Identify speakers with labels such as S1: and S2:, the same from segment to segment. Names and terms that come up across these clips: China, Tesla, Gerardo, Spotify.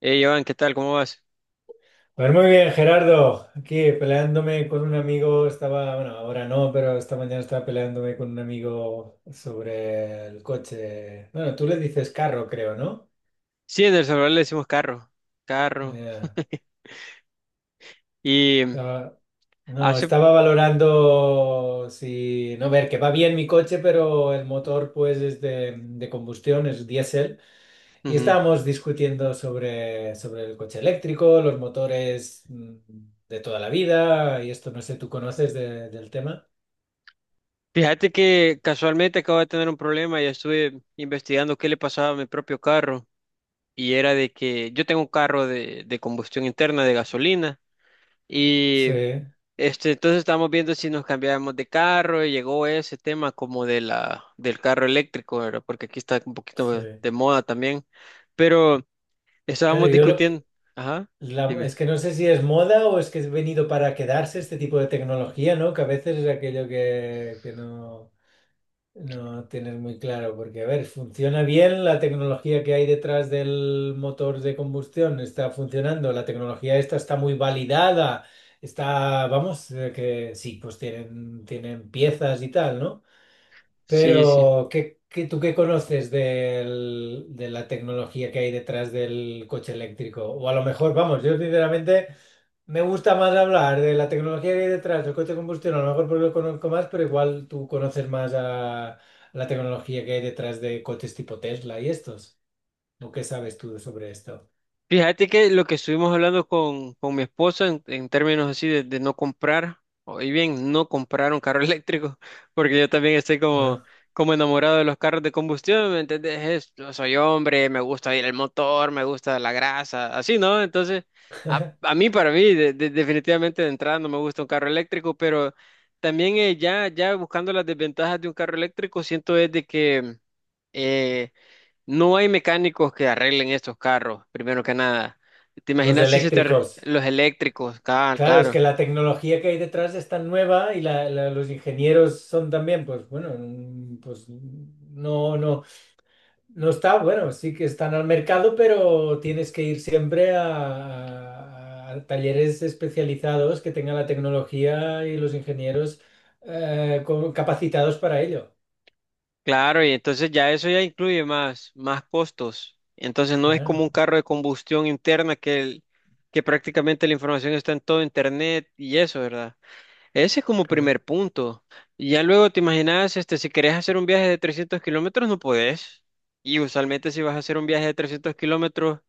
S1: Hey, Iván, ¿qué tal? ¿Cómo vas?
S2: Pues muy bien, Gerardo. Aquí peleándome con un amigo, estaba, bueno, ahora no, pero esta mañana estaba peleándome con un amigo sobre el coche. Bueno, tú le dices carro, creo, ¿no?
S1: Sí, en El Salvador le decimos carro, carro.
S2: Eh,
S1: Y
S2: estaba- no,
S1: hace,
S2: estaba valorando si, no, ver, que va bien mi coche, pero el motor pues es de combustión, es diésel. Y
S1: ujú.
S2: estábamos discutiendo sobre el coche eléctrico, los motores de toda la vida, y esto no sé, ¿tú conoces del tema?
S1: Fíjate que casualmente acabo de tener un problema y estuve investigando qué le pasaba a mi propio carro, y era de que yo tengo un carro de combustión interna, de gasolina.
S2: Sí.
S1: Y entonces estábamos viendo si nos cambiábamos de carro y llegó ese tema como del carro eléctrico, ¿verdad? Porque aquí está un poquito de,
S2: Sí.
S1: de moda también, pero
S2: Claro,
S1: estábamos
S2: yo lo
S1: discutiendo.
S2: que...
S1: Ajá, dime.
S2: es que no sé si es moda o es que es venido para quedarse este tipo de tecnología, ¿no? Que a veces es aquello que no, no tienes muy claro, porque a ver, funciona bien la tecnología que hay detrás del motor de combustión, está funcionando, la tecnología esta está muy validada, está, vamos, que sí, pues tienen, tienen piezas y tal, ¿no?
S1: Sí, sí.
S2: Pero, ¿tú qué conoces de la tecnología que hay detrás del coche eléctrico? O a lo mejor, vamos, yo sinceramente me gusta más hablar de la tecnología que hay detrás del coche de combustión, a lo mejor porque lo conozco más, pero igual tú conoces más a la tecnología que hay detrás de coches tipo Tesla y estos. ¿O qué sabes tú sobre esto?
S1: Fíjate que lo que estuvimos hablando con mi esposa en términos así de no comprar, o y bien, no comprar un carro eléctrico. Porque yo también estoy como,
S2: Ah,
S1: como enamorado de los carros de combustión, ¿me entendés? Yo soy hombre, me gusta ir el motor, me gusta la grasa, así, ¿no? Entonces, a mí, para mí, definitivamente de entrada no me gusta un carro eléctrico. Pero también ya buscando las desventajas de un carro eléctrico, siento es de que... eh, no hay mecánicos que arreglen estos carros, primero que nada. ¿Te
S2: los
S1: imaginas si se te
S2: eléctricos.
S1: los eléctricos? Claro,
S2: Claro, es que
S1: claro,
S2: la tecnología que hay detrás es tan nueva y los ingenieros son también, pues bueno, pues no, no. No está, bueno, sí que están al mercado, pero tienes que ir siempre a talleres especializados que tengan la tecnología y los ingenieros capacitados para ello.
S1: claro, y entonces ya eso ya incluye más costos. Entonces no es como
S2: Claro,
S1: un carro de combustión interna que prácticamente la información está en todo internet y eso, ¿verdad? Ese es como
S2: claro.
S1: primer punto. Y ya luego te imaginas, si querés hacer un viaje de 300 kilómetros, no podés. Y usualmente si vas a hacer un viaje de 300 kilómetros,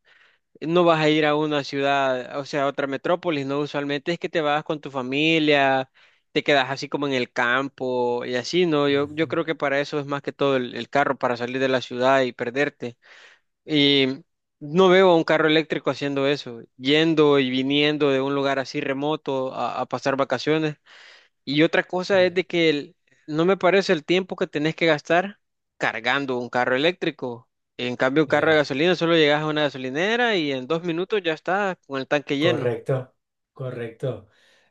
S1: no vas a ir a una ciudad, o sea, a otra metrópolis, ¿no? Usualmente es que te vas con tu familia, te quedas así como en el campo y así, ¿no? Yo
S2: Ujú.
S1: creo que para eso es más que todo el carro, para salir de la ciudad y perderte. Y no veo a un carro eléctrico haciendo eso, yendo y viniendo de un lugar así remoto a pasar vacaciones. Y otra cosa es
S2: Ya,
S1: de que no me parece el tiempo que tenés que gastar cargando un carro eléctrico. En cambio, un carro de
S2: ya.
S1: gasolina solo llegas a una gasolinera y en 2 minutos ya está con el tanque lleno.
S2: Correcto, correcto.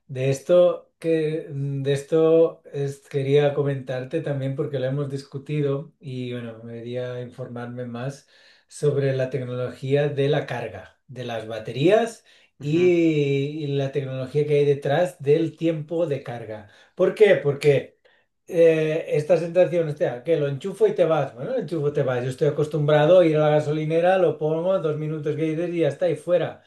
S2: De esto que de esto quería comentarte también porque lo hemos discutido y bueno, me quería informarme más sobre la tecnología de la carga, de las baterías
S1: Ujú.
S2: y la tecnología que hay detrás del tiempo de carga. ¿Por qué? Porque esta sensación, hostia, que lo enchufo y te vas. Bueno, lo enchufo te vas. Yo estoy acostumbrado a ir a la gasolinera, lo pongo, dos minutos que dices y ya está, y fuera.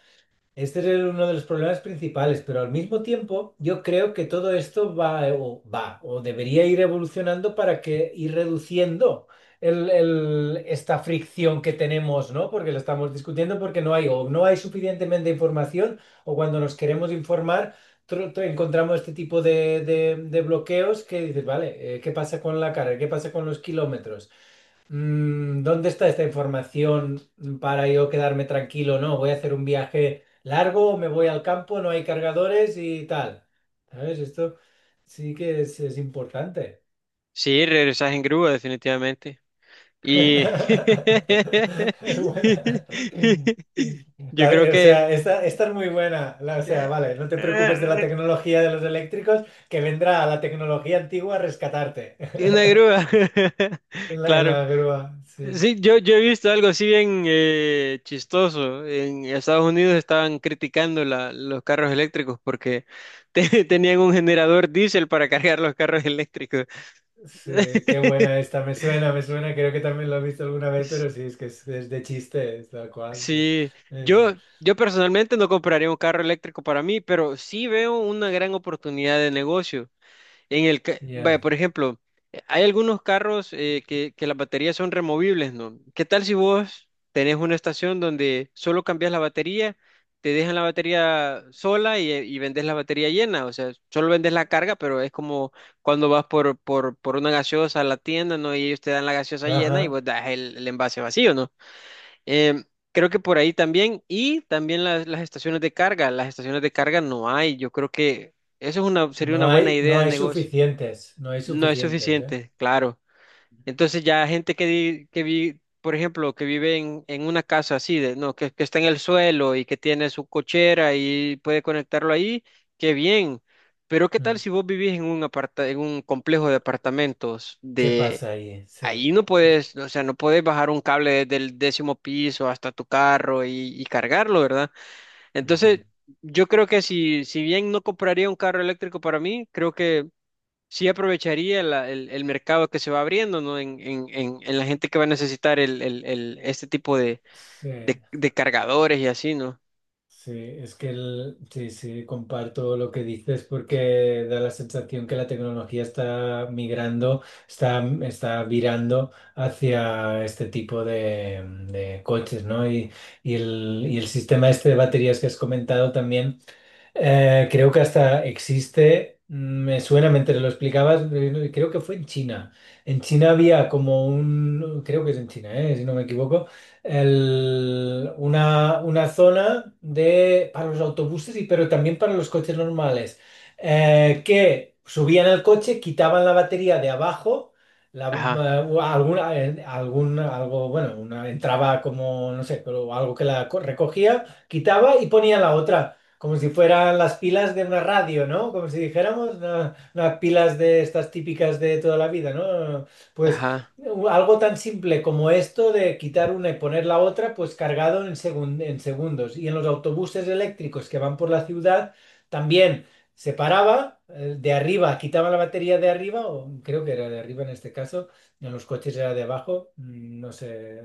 S2: Este es uno de los problemas principales, pero al mismo tiempo yo creo que todo esto va o va o debería ir evolucionando para que ir reduciendo esta fricción que tenemos, ¿no? Porque lo estamos discutiendo porque no hay o no hay suficientemente información o cuando nos queremos informar encontramos este tipo de, de bloqueos que dices, vale, ¿qué pasa con la carga? ¿Qué pasa con los kilómetros? ¿Dónde está esta información para yo quedarme tranquilo? No, voy a hacer un viaje largo, me voy al campo, no hay cargadores y tal. ¿Sabes? Esto sí que es importante.
S1: Sí, regresas en grúa definitivamente. Y
S2: Es buena.
S1: yo creo
S2: O
S1: que
S2: sea, esta es muy buena. O sea,
S1: eh,
S2: vale, no te preocupes de la
S1: eh,
S2: tecnología de los eléctricos, que vendrá la tecnología antigua a rescatarte
S1: una grúa,
S2: en en
S1: claro.
S2: la grúa. Sí.
S1: Sí, yo he visto algo así bien chistoso. En Estados Unidos estaban criticando los carros eléctricos porque tenían un generador diésel para cargar los carros eléctricos.
S2: Sí, qué buena esta, me suena, creo que también lo he visto alguna vez, pero sí, es que es de chiste, es tal cual. Sí.
S1: Sí,
S2: Sí.
S1: yo personalmente no compraría un carro eléctrico para mí, pero sí veo una gran oportunidad de negocio. Vaya,
S2: Ya.
S1: por ejemplo, hay algunos carros que las baterías son removibles, ¿no? ¿Qué tal si vos tenés una estación donde solo cambias la batería, te dejan la batería sola y vendes la batería llena? O sea, solo vendes la carga, pero es como cuando vas por una gaseosa a la tienda, ¿no? Y ellos te dan la gaseosa llena y
S2: Ajá.
S1: vos das el envase vacío, ¿no? Em, Creo que por ahí también, y también las estaciones de carga, las estaciones de carga no hay. Yo creo que eso es una, sería
S2: No
S1: una buena
S2: hay,
S1: idea
S2: no
S1: de
S2: hay
S1: negocio.
S2: suficientes, no hay
S1: No es
S2: suficientes, ¿eh?
S1: suficiente, claro. Entonces ya gente que, di- que vi, por ejemplo, que vive en una casa así, no, que está en el suelo y que tiene su cochera y puede conectarlo ahí, qué bien. Pero ¿qué tal
S2: Mm.
S1: si vos vivís en un complejo de apartamentos
S2: ¿Qué
S1: de
S2: pasa ahí? Sí.
S1: Ahí no
S2: Es-
S1: puedes, o sea, no puedes bajar un cable desde el décimo piso hasta tu carro y cargarlo, ¿verdad?
S2: Ujú.
S1: Entonces, yo creo que si, si bien no compraría un carro eléctrico para mí, creo que sí aprovecharía el mercado que se va abriendo, ¿no? En la gente que va a necesitar este tipo de,
S2: Sí.
S1: de- de cargadores y así, ¿no?
S2: Sí, es que sí, sí, comparto lo que dices porque da la sensación que la tecnología está migrando, está, está virando hacia este tipo de coches, ¿no? Y el sistema este de baterías que has comentado también. Creo que hasta existe, me suena mientras lo explicabas, creo que fue en China. En China había como un, creo que es en China, si no me equivoco, una zona de, para los autobuses y pero también para los coches normales, que subían al coche, quitaban la batería de abajo. La,
S1: Ajá,
S2: alguna, algo, bueno, una entraba como, no sé, pero algo que recogía, quitaba y ponía la otra. Como si fueran las pilas de una radio, ¿no? Como si dijéramos unas pilas de estas típicas de toda la vida, ¿no? Pues
S1: ajá,
S2: algo tan simple como esto de quitar una y poner la otra, pues cargado en en segundos. Y en los autobuses eléctricos que van por la ciudad, también se paraba de arriba, quitaba la batería de arriba, o creo que era de arriba en este caso, en los coches era de abajo, no sé,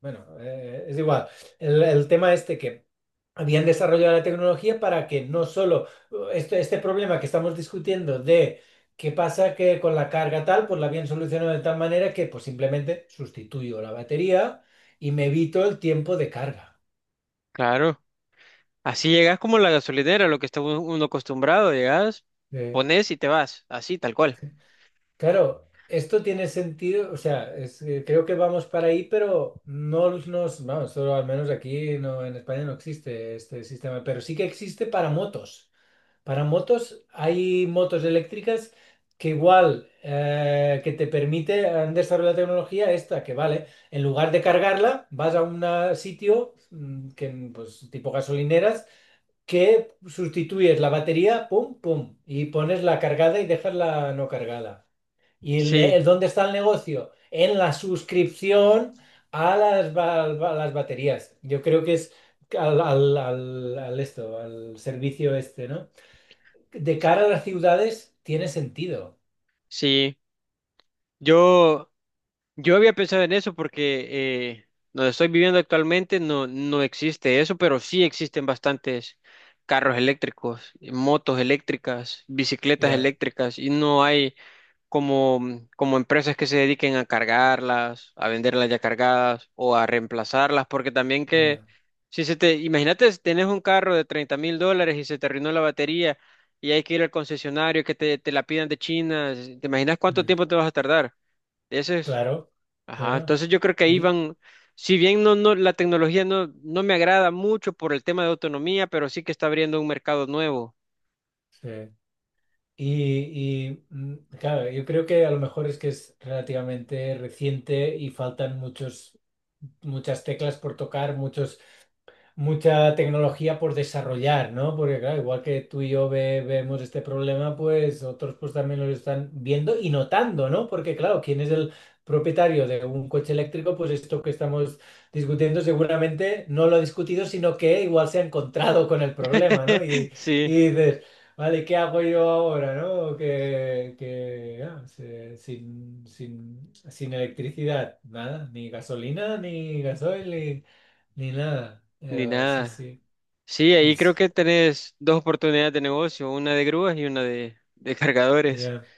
S2: bueno, es igual. El tema este que habían desarrollado la tecnología para que no solo este problema que estamos discutiendo de qué pasa que con la carga tal, pues la habían solucionado de tal manera que pues simplemente sustituyo la batería y me evito el tiempo de carga.
S1: claro. Así llegas como la gasolinera, lo que está uno acostumbrado, llegas,
S2: Eh,
S1: pones y te vas, así, tal cual.
S2: claro, esto tiene sentido, o sea, es, creo que vamos para ahí, pero no nos, vamos, solo al menos aquí no, en España no existe este sistema, pero sí que existe para motos. Para motos, hay motos eléctricas que igual que te permite, han desarrollado la tecnología esta, que vale, en lugar de cargarla, vas a un sitio que, pues, tipo gasolineras, que sustituyes la batería, pum, pum, y pones la cargada y dejas la no cargada. ¿Y
S1: Sí,
S2: el dónde está el negocio? En la suscripción a las, a las baterías. Yo creo que es al esto, al servicio este, ¿no? De cara a las ciudades tiene sentido.
S1: sí. Yo, Yo había pensado en eso porque eh, donde estoy viviendo actualmente no, no existe eso, pero sí existen bastantes carros eléctricos, motos eléctricas, bicicletas
S2: Ya,
S1: eléctricas y no hay como, como empresas que se dediquen a cargarlas, a venderlas ya cargadas o a reemplazarlas, porque también que
S2: ya.
S1: imagínate, si tenés un carro de 30,000 dólares y se te arruinó la batería y hay que ir al concesionario que te la pidan de China, ¿te imaginas cuánto
S2: Mm.
S1: tiempo te vas a tardar? Ese es
S2: Claro,
S1: Ajá.
S2: claro.
S1: Entonces yo creo que ahí
S2: Y,
S1: van, si bien no, no, la tecnología no, no me agrada mucho por el tema de autonomía, pero sí que está abriendo un mercado nuevo.
S2: sí. Y, claro, yo creo que a lo mejor es que es relativamente reciente y faltan muchos, muchas teclas por tocar, muchos mucha tecnología por desarrollar, ¿no? Porque claro, igual que tú y yo vemos este problema, pues otros pues también lo están viendo y notando, ¿no? Porque claro, ¿quién es el propietario de un coche eléctrico? Pues esto que estamos discutiendo seguramente no lo ha discutido, sino que igual se ha encontrado con el problema, ¿no? Y
S1: Sí,
S2: dices, vale, ¿qué hago yo ahora, ¿no? Que ah, sin, sin, sin electricidad, nada, ni gasolina, ni gasoil, ni nada.
S1: ni
S2: Sí,
S1: nada.
S2: sí.
S1: Sí, ahí creo
S2: Es,
S1: que tenés dos oportunidades de negocio, una de grúas y una de cargadores.
S2: ya.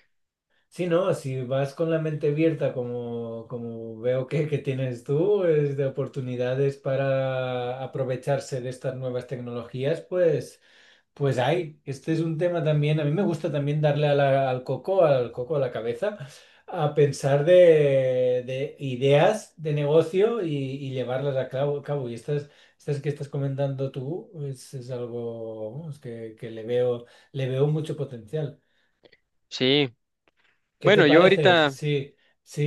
S2: Sí, no, si vas con la mente abierta, como, como veo que tienes tú, es de oportunidades para aprovecharse de estas nuevas tecnologías, pues. Pues hay, este es un tema también, a mí me gusta también darle a al coco a la cabeza, a pensar de ideas de negocio y llevarlas a cabo, cabo. Y estas, estas que estás comentando tú es algo vamos, que le veo mucho potencial.
S1: Sí.
S2: ¿Qué te
S1: Bueno, yo
S2: parece?
S1: ahorita
S2: Sí,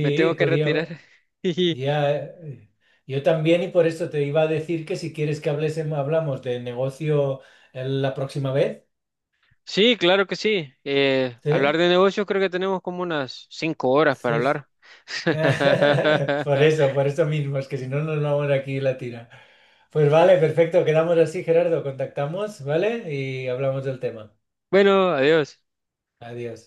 S1: me tengo que retirar.
S2: podía,
S1: Y
S2: ya, yo también y por eso te iba a decir que si quieres que hablemos, hablamos de negocio la próxima vez,
S1: Sí, claro que sí. Hablar
S2: ¿sí?
S1: de negocios creo que tenemos como unas 5 horas para
S2: Sí, sí.
S1: hablar.
S2: Por eso mismo, es que si no nos vamos aquí la tira. Pues vale, perfecto, quedamos así, Gerardo, contactamos, ¿vale? Y hablamos del tema.
S1: Bueno, adiós.
S2: Adiós.